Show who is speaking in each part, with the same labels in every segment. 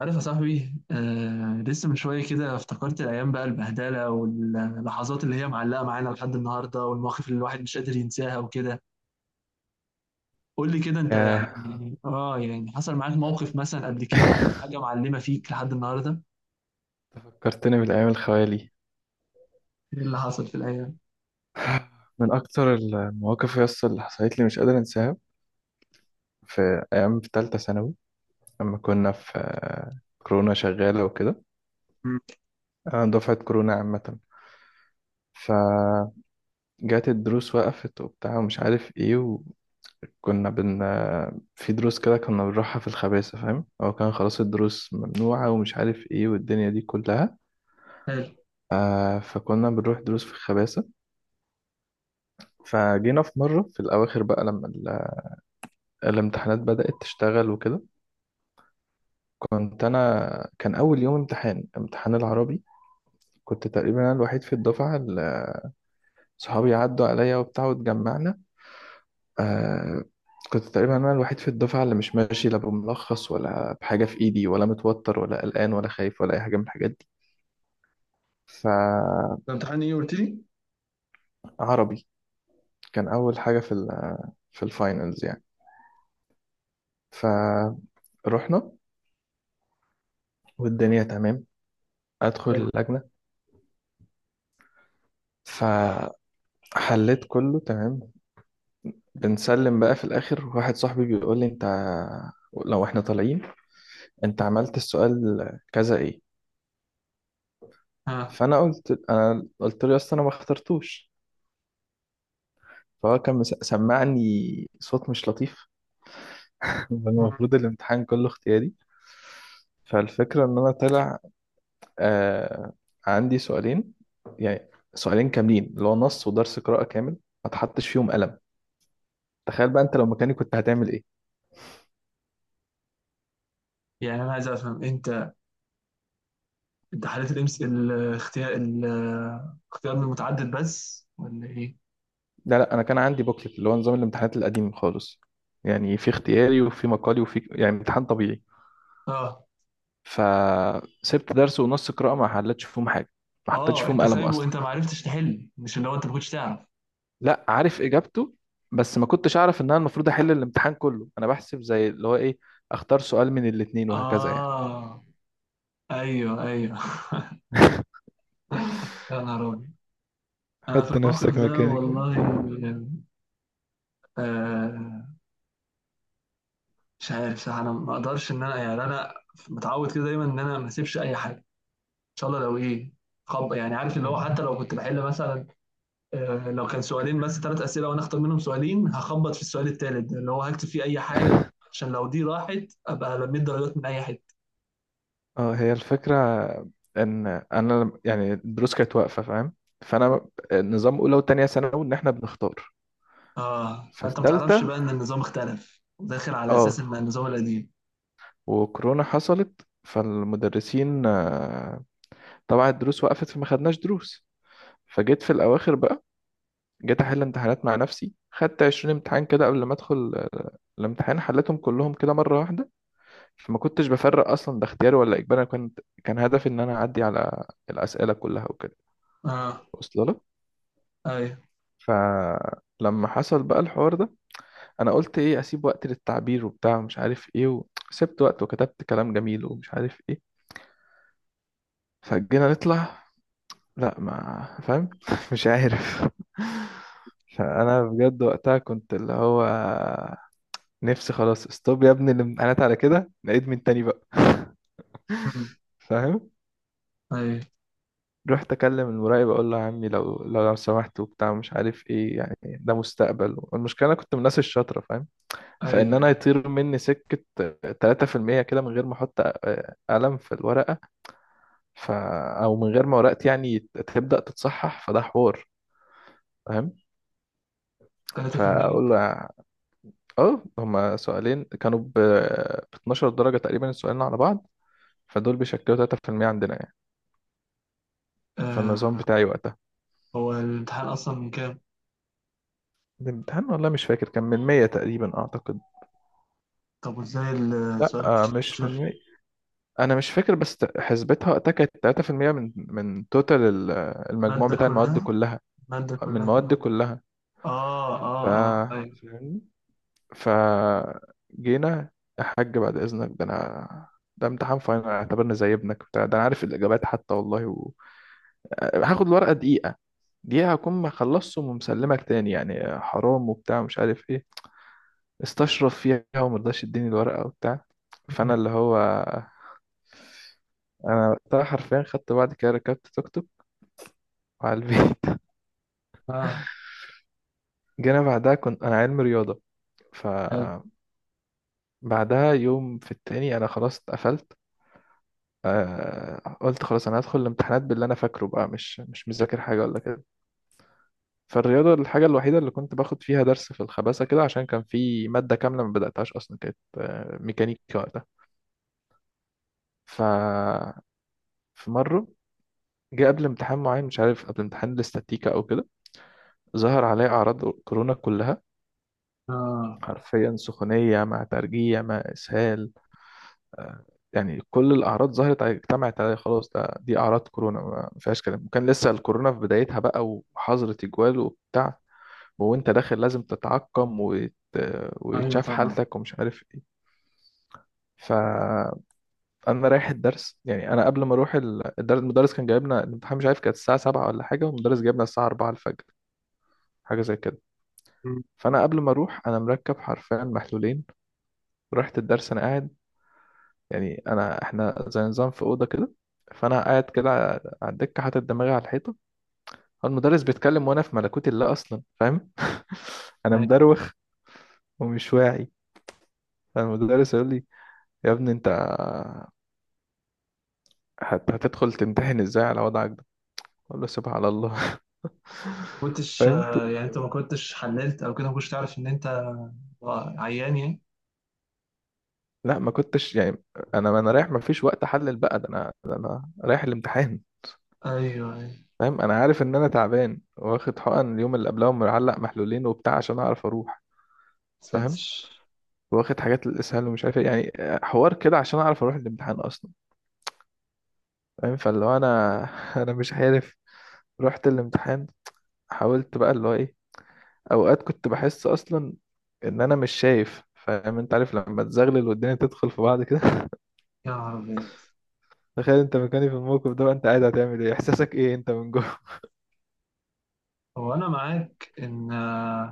Speaker 1: عارف يا صاحبي، لسه من شوية كده افتكرت الأيام بقى البهدلة، واللحظات اللي هي معلقة معانا لحد النهاردة، والمواقف اللي الواحد مش قادر ينساها وكده. قول لي كده، أنت
Speaker 2: ياه.
Speaker 1: يعني حصل معاك موقف مثلا قبل كده أو حاجة معلمة فيك لحد النهاردة؟
Speaker 2: فكرتني بالأيام الخوالي.
Speaker 1: إيه اللي حصل في الأيام؟
Speaker 2: من أكتر المواقف يس اللي حصلت لي مش قادر أنساها، في أيام في تالتة ثانوي لما كنا في كورونا شغالة وكده.
Speaker 1: مم.
Speaker 2: أنا دفعة كورونا عامة، فجات الدروس وقفت وبتاع ومش عارف إيه. وكنا بن آه، في دروس كده كنا بنروحها في الخباثة، فاهم؟ هو كان خلاص الدروس ممنوعة ومش عارف إيه والدنيا دي كلها.
Speaker 1: حلو.
Speaker 2: فكنا بنروح دروس في الخباثة. فجينا في مرة في الأواخر بقى لما الامتحانات بدأت تشتغل وكده. كنت أنا، كان أول يوم امتحان امتحان العربي. كنت تقريبا أنا الوحيد في الدفعة اللي صحابي عدوا عليا وبتاع واتجمعنا. آه كنت تقريبا أنا الوحيد في الدفعة اللي مش ماشي لا بملخص ولا بحاجة في إيدي ولا متوتر ولا قلقان ولا خايف ولا أي حاجة من الحاجات دي. فعربي
Speaker 1: ده امتحان إيه قلت لي؟
Speaker 2: كان أول حاجة في في الفاينلز يعني. فروحنا والدنيا تمام، أدخل
Speaker 1: حلو.
Speaker 2: اللجنة، فحليت كله تمام. بنسلم بقى في الآخر، واحد صاحبي بيقول لي: أنت لو إحنا طالعين، أنت عملت السؤال كذا إيه؟
Speaker 1: ها.
Speaker 2: فأنا قلت له أصل أنا ما اخترتوش. فهو كان سمعني صوت مش لطيف.
Speaker 1: مم.
Speaker 2: المفروض الامتحان كله اختياري. فالفكرة إن أنا طلع آه عندي سؤالين يعني، سؤالين كاملين اللي هو نص ودرس قراءة كامل ما اتحطش فيهم قلم. تخيل بقى أنت لو مكاني كنت هتعمل إيه؟
Speaker 1: يعني أنا عايز أفهم أنت، امتحانات الإمس الاختيار من المتعدد بس ولا إيه؟
Speaker 2: لا لا، انا كان عندي بوكلت اللي هو نظام الامتحانات القديم خالص، يعني في اختياري وفي مقالي وفي يعني امتحان طبيعي.
Speaker 1: آه.
Speaker 2: فسبت درس ونص قراءة ما حلتش فيهم حاجة، ما حطيتش
Speaker 1: آه،
Speaker 2: فيهم
Speaker 1: أنت
Speaker 2: قلم
Speaker 1: سايبه؟
Speaker 2: اصلا.
Speaker 1: أنت ما عرفتش تحل؟ مش اللي هو أنت ما كنتش تعرف.
Speaker 2: لا، عارف اجابته بس ما كنتش اعرف ان انا المفروض احل الامتحان كله. انا بحسب زي اللي هو ايه، اختار سؤال من الاتنين وهكذا يعني.
Speaker 1: آه، أيوه أيوه. يا نهار أبيض. أنا في
Speaker 2: حط نفسك
Speaker 1: الموقف ده
Speaker 2: مكاني كده.
Speaker 1: والله. يعني، آه مش عارف صح. أنا ما أقدرش إن أنا متعود كده دايما إن أنا ما أسيبش أي حاجة، إن شاء الله لو إيه. خب يعني عارف اللي
Speaker 2: مم.
Speaker 1: هو، حتى لو كنت بحل مثلا، لو كان سؤالين بس ثلاث أسئلة وأنا أختار منهم سؤالين، هخبط في السؤال الثالث ده اللي هو هكتب فيه أي حاجة، عشان لو دي راحت أبقى لميت درجات من أي حتة.
Speaker 2: اه، هي الفكرة ان انا لم- يعني الدروس كانت واقفة، فاهم؟ فانا نظام اولى وتانية ثانوي ان احنا بنختار. ففي
Speaker 1: فأنت ما تعرفش
Speaker 2: تالتة
Speaker 1: بقى إن النظام اختلف، داخل على أساس
Speaker 2: اه
Speaker 1: إن النظام القديم.
Speaker 2: وكورونا حصلت، فالمدرسين طبعا الدروس وقفت فما خدناش دروس. فجيت في الاواخر بقى، جيت احل امتحانات مع نفسي، خدت 20 امتحان كده قبل ما ادخل الامتحان، حليتهم كلهم كده مره واحده. فما كنتش بفرق اصلا ده اختياري ولا اجباري، أنا كنت كان هدفي ان انا اعدي على الاسئله كلها وكده.
Speaker 1: آه.
Speaker 2: واصله لك؟
Speaker 1: أيوه.
Speaker 2: فلما حصل بقى الحوار ده، انا قلت ايه، اسيب وقت للتعبير وبتاع ومش عارف ايه، وسبت وقت وكتبت كلام جميل ومش عارف ايه. فجينا نطلع، لا ما فاهم. مش عارف. فانا بجد وقتها كنت اللي هو نفسي خلاص استوب يا ابني الامتحانات على كده، نعيد من تاني بقى.
Speaker 1: أمم.
Speaker 2: فاهم؟
Speaker 1: ايوه
Speaker 2: رحت اكلم المراقب اقول له يا عمي، لو سمحت وبتاع مش عارف ايه، يعني ده مستقبل. والمشكله انا كنت من الناس الشاطره، فاهم؟ فان
Speaker 1: ايوه.
Speaker 2: انا يطير مني سكه 3% كده من غير ما احط قلم في الورقه، ف او من غير ما ورقتي يعني تبدا تتصحح، فده حوار، فاهم؟
Speaker 1: 3%.
Speaker 2: فاقول له اه، هما سؤالين كانوا ب 12 درجة تقريبا السؤالين على بعض، فدول بيشكلوا 3% عندنا يعني، فالنظام
Speaker 1: آه
Speaker 2: بتاعي وقتها.
Speaker 1: هو الامتحان اصلا من كام؟
Speaker 2: الامتحان والله مش فاكر كان من 100 تقريبا أعتقد.
Speaker 1: طب وازاي السؤال
Speaker 2: آه،
Speaker 1: مش
Speaker 2: مش من
Speaker 1: 16؟
Speaker 2: 100، أنا مش فاكر بس حسبتها وقتها كانت 3% من توتال المجموع
Speaker 1: المادة
Speaker 2: بتاع المواد
Speaker 1: كلها،
Speaker 2: كلها،
Speaker 1: المادة
Speaker 2: من المواد
Speaker 1: كلها.
Speaker 2: كلها.
Speaker 1: اه،
Speaker 2: ف
Speaker 1: اه، اه، اه، ايوه.
Speaker 2: فاهمني؟ ف جينا: يا حاج بعد إذنك، ده أنا، ده امتحان فاينل، اعتبرني زي ابنك بتاع، ده أنا عارف الإجابات حتى والله و... هاخد الورقة دقيقة دي، هكون ما خلصت ومسلمك تاني يعني، حرام وبتاع ومش عارف ايه. استشرف فيها وما رضاش يديني الورقة وبتاع. فانا اللي هو انا وقتها حرفيا خدت، بعد كده ركبت توك توك وعلى البيت.
Speaker 1: اه.
Speaker 2: جينا بعدها كنت انا علم رياضة.
Speaker 1: حلو.
Speaker 2: فبعدها يوم في التاني انا خلاص اتقفلت، قلت خلاص انا هدخل الامتحانات باللي انا فاكره بقى، مش مذاكر حاجة ولا كده. فالرياضة الحاجة الوحيدة اللي كنت باخد فيها درس في الخباثة كده، عشان كان في مادة كاملة ما بدأتهاش أصلا، كانت ميكانيكا. ف في مرة جه قبل امتحان معين مش عارف، قبل امتحان الاستاتيكا أو كده، ظهر عليه أعراض كورونا كلها،
Speaker 1: اه،
Speaker 2: حرفيا سخونية مع ترجيع مع إسهال، آه، يعني كل الأعراض ظهرت عليه اجتمعت عليه، خلاص ده دي أعراض كورونا ما فيهاش كلام. وكان لسه الكورونا في بدايتها بقى وحظر تجوال وبتاع، وأنت داخل لازم تتعقم وت...
Speaker 1: ايوه
Speaker 2: ويتشاف
Speaker 1: طبعا.
Speaker 2: حالتك ومش عارف إيه. انا رايح الدرس يعني، انا قبل ما اروح الدرس، المدرس كان جايبنا الامتحان، مش عارف كانت الساعه 7 ولا حاجه، والمدرس جايبنا الساعه 4 الفجر، حاجه زي كده.
Speaker 1: مم.
Speaker 2: فانا قبل ما اروح انا مركب حرفيا محلولين، ورحت الدرس انا قاعد، يعني انا احنا زي نظام في اوضه كده، فانا قاعد كده على الدكه حاطط دماغي على الحيطه، المدرس بيتكلم وانا في ملكوت الله اصلا، فاهم؟ انا
Speaker 1: ايوه.
Speaker 2: مدروخ ومش واعي، فالمدرس يقول لي: يا ابني انت هتدخل تمتحن ازاي على وضعك ده؟ اقول له سبحان الله.
Speaker 1: كنتش
Speaker 2: فاهم؟
Speaker 1: يعني، انت ما كنتش حللت او كده، ما كنتش تعرف ان انت عيان يعني؟
Speaker 2: لا ما كنتش يعني، انا رايح، ما فيش وقت احلل بقى ده، انا ده انا رايح الامتحان،
Speaker 1: ايوه ايوه.
Speaker 2: فاهم؟ انا عارف ان انا تعبان، واخد حقن اليوم اللي قبلها ومعلق محلولين وبتاع عشان اعرف اروح.
Speaker 1: ساتر.
Speaker 2: فاهم؟ واخد حاجات للاسهال ومش عارف إيه، يعني حوار كده عشان اعرف اروح الامتحان اصلا، فاهم؟ فاللي هو انا، انا مش عارف، رحت الامتحان، حاولت بقى اللي هو ايه. اوقات كنت بحس اصلا ان انا مش شايف، فاهم؟ انت عارف لما تزغلل والدنيا تدخل في بعض كده.
Speaker 1: يا عربي.
Speaker 2: تخيل انت مكاني في الموقف ده بقى، انت قاعد هتعمل ايه، احساسك ايه انت من جوه؟
Speaker 1: هو انا معاك ان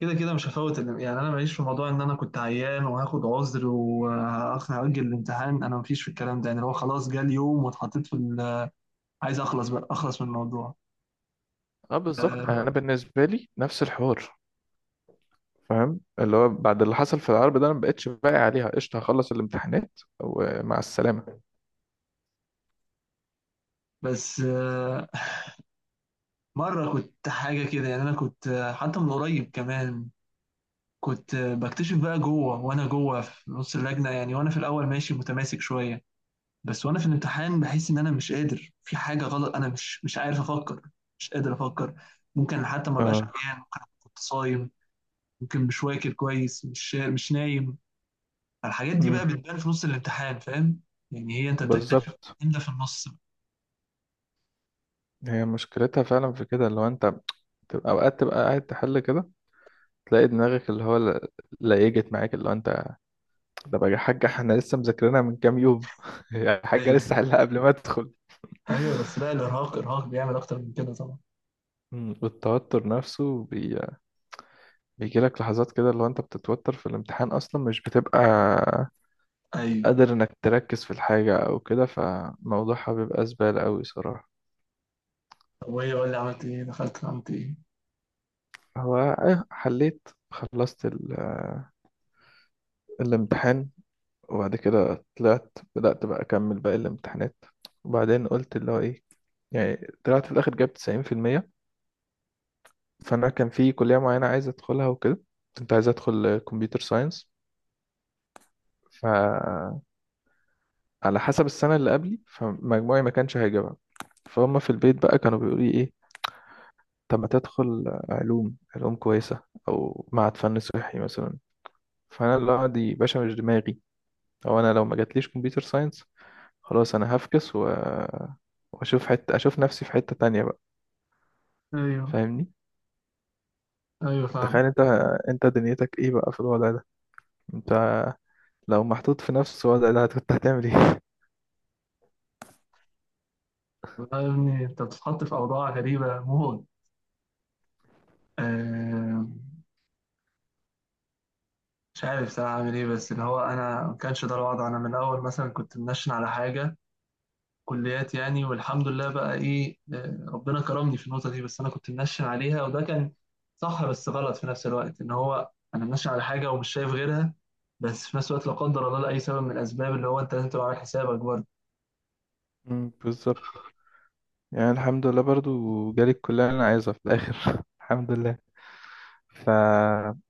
Speaker 1: كده كده مش هفوت يعني انا ماليش في موضوع ان انا كنت عيان وهاخد عذر وهاجل الامتحان. انا مفيش في الكلام ده، يعني هو خلاص جه اليوم واتحطيت في عايز اخلص بقى، اخلص من الموضوع.
Speaker 2: اه بالظبط، يعني
Speaker 1: آه،
Speaker 2: انا بالنسبه لي نفس الحوار، اللي هو بعد اللي حصل في العرب ده انا ما بقتش باقي عليها قشطه، هخلص الامتحانات ومع السلامه.
Speaker 1: بس آه، مره كنت حاجه كده، يعني انا كنت حتى من قريب كمان، كنت بكتشف بقى جوه، وانا جوه في نص اللجنه يعني. وانا في الاول ماشي متماسك شويه، بس وانا في الامتحان بحس ان انا مش قادر، في حاجه غلط. انا مش عارف افكر، مش قادر افكر. ممكن حتى ما بقاش
Speaker 2: اه،
Speaker 1: عيان، ممكن كنت صايم، ممكن مش واكل كويس، مش نايم. فالحاجات دي
Speaker 2: امم
Speaker 1: بقى بتبان في نص الامتحان، فاهم. يعني هي انت بتكتشف
Speaker 2: بالظبط،
Speaker 1: ان ده في النص بقى.
Speaker 2: هي مشكلتها فعلا في كده، اللي هو انت تبقى اوقات تبقى قاعد تحل كده، تلاقي دماغك اللي هو ليجت معاك، اللي هو انت، ده بقى يا حاجه احنا لسه مذاكرينها من كام يوم. يا حاجه
Speaker 1: ايوه
Speaker 2: لسه حلها قبل ما ادخل.
Speaker 1: ايوه. بس لا، الارهاق بيعمل اكتر من كده طبعا.
Speaker 2: والتوتر نفسه بيجيلك لحظات كده اللي هو انت بتتوتر في الامتحان اصلا، مش بتبقى
Speaker 1: ايوه.
Speaker 2: قادر انك تركز في الحاجة او كده، فموضوعها بيبقى زبالة قوي صراحة.
Speaker 1: طب وايه، قول لي عملت ايه؟ دخلت عملت ايه؟
Speaker 2: هو إيه، حليت خلصت الامتحان، وبعد كده طلعت بدأت بقى اكمل باقي الامتحانات. وبعدين قلت اللي هو ايه، يعني طلعت في الاخر جايب 90%. فانا كان في كلية معينة عايز ادخلها وكده، كنت عايز ادخل كمبيوتر ساينس. فعلى حسب السنة اللي قبلي فمجموعي ما كانش هيجيبها. فهم في البيت بقى كانوا بيقولوا لي إيه، طب ما تدخل علوم، علوم كويسة أو معهد فن صحي مثلا. فأنا لا دي باشا مش دماغي، أو أنا لو ما جاتليش كمبيوتر ساينس خلاص أنا هفكس و... وأشوف حتة، أشوف نفسي في حتة تانية بقى،
Speaker 1: ايوه
Speaker 2: فاهمني؟
Speaker 1: ايوه فاهم.
Speaker 2: تخيل أنت، أنت دنيتك إيه بقى في الوضع ده، أنت لو محطوط في نفس الوضع ده كنت هتعمل إيه؟
Speaker 1: والله يا ابني انت بتتحط في اوضاع غريبه موت. آه، مش عارف صراحه اعمل ايه، بس اللي هو انا ما كانش ده الوضع. انا من الاول مثلا كنت منشن على حاجه، كليات يعني، والحمد لله بقى ايه. ربنا كرمني في النقطه دي، بس انا كنت منشن عليها وده كان صح بس غلط في نفس الوقت، ان هو انا منشن على حاجه ومش شايف غيرها. بس في نفس الوقت لا قدر الله، لاي سبب من الاسباب، اللي هو انت لازم تبقى عامل حسابك برضه.
Speaker 2: بالظبط. يعني الحمد لله برضو جالي الكلية اللي أنا عايزها في الآخر. الحمد لله، فربك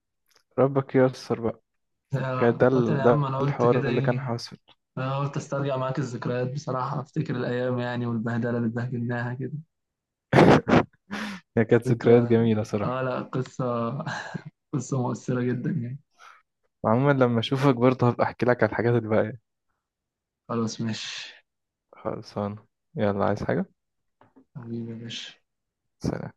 Speaker 2: ييسر بقى. كان ده
Speaker 1: مثلا يا عم،
Speaker 2: ده
Speaker 1: انا قلت كده
Speaker 2: الحوار اللي كان
Speaker 1: ايه؟
Speaker 2: حاصل.
Speaker 1: انا قلت استرجع معاك الذكريات بصراحه، افتكر الايام يعني، والبهدله اللي اتبهدلناها كده.
Speaker 2: هي
Speaker 1: بس
Speaker 2: كانت
Speaker 1: انت،
Speaker 2: ذكريات جميلة
Speaker 1: اه
Speaker 2: صراحة.
Speaker 1: لا قصه. قصه مؤثره جدا يعني.
Speaker 2: وعموما لما أشوفك برضه هبقى أحكي لك على الحاجات الباقية.
Speaker 1: خلاص ماشي.
Speaker 2: خلصانة، يلا عايز حاجة؟
Speaker 1: حبيبي يا باشا.
Speaker 2: سلام.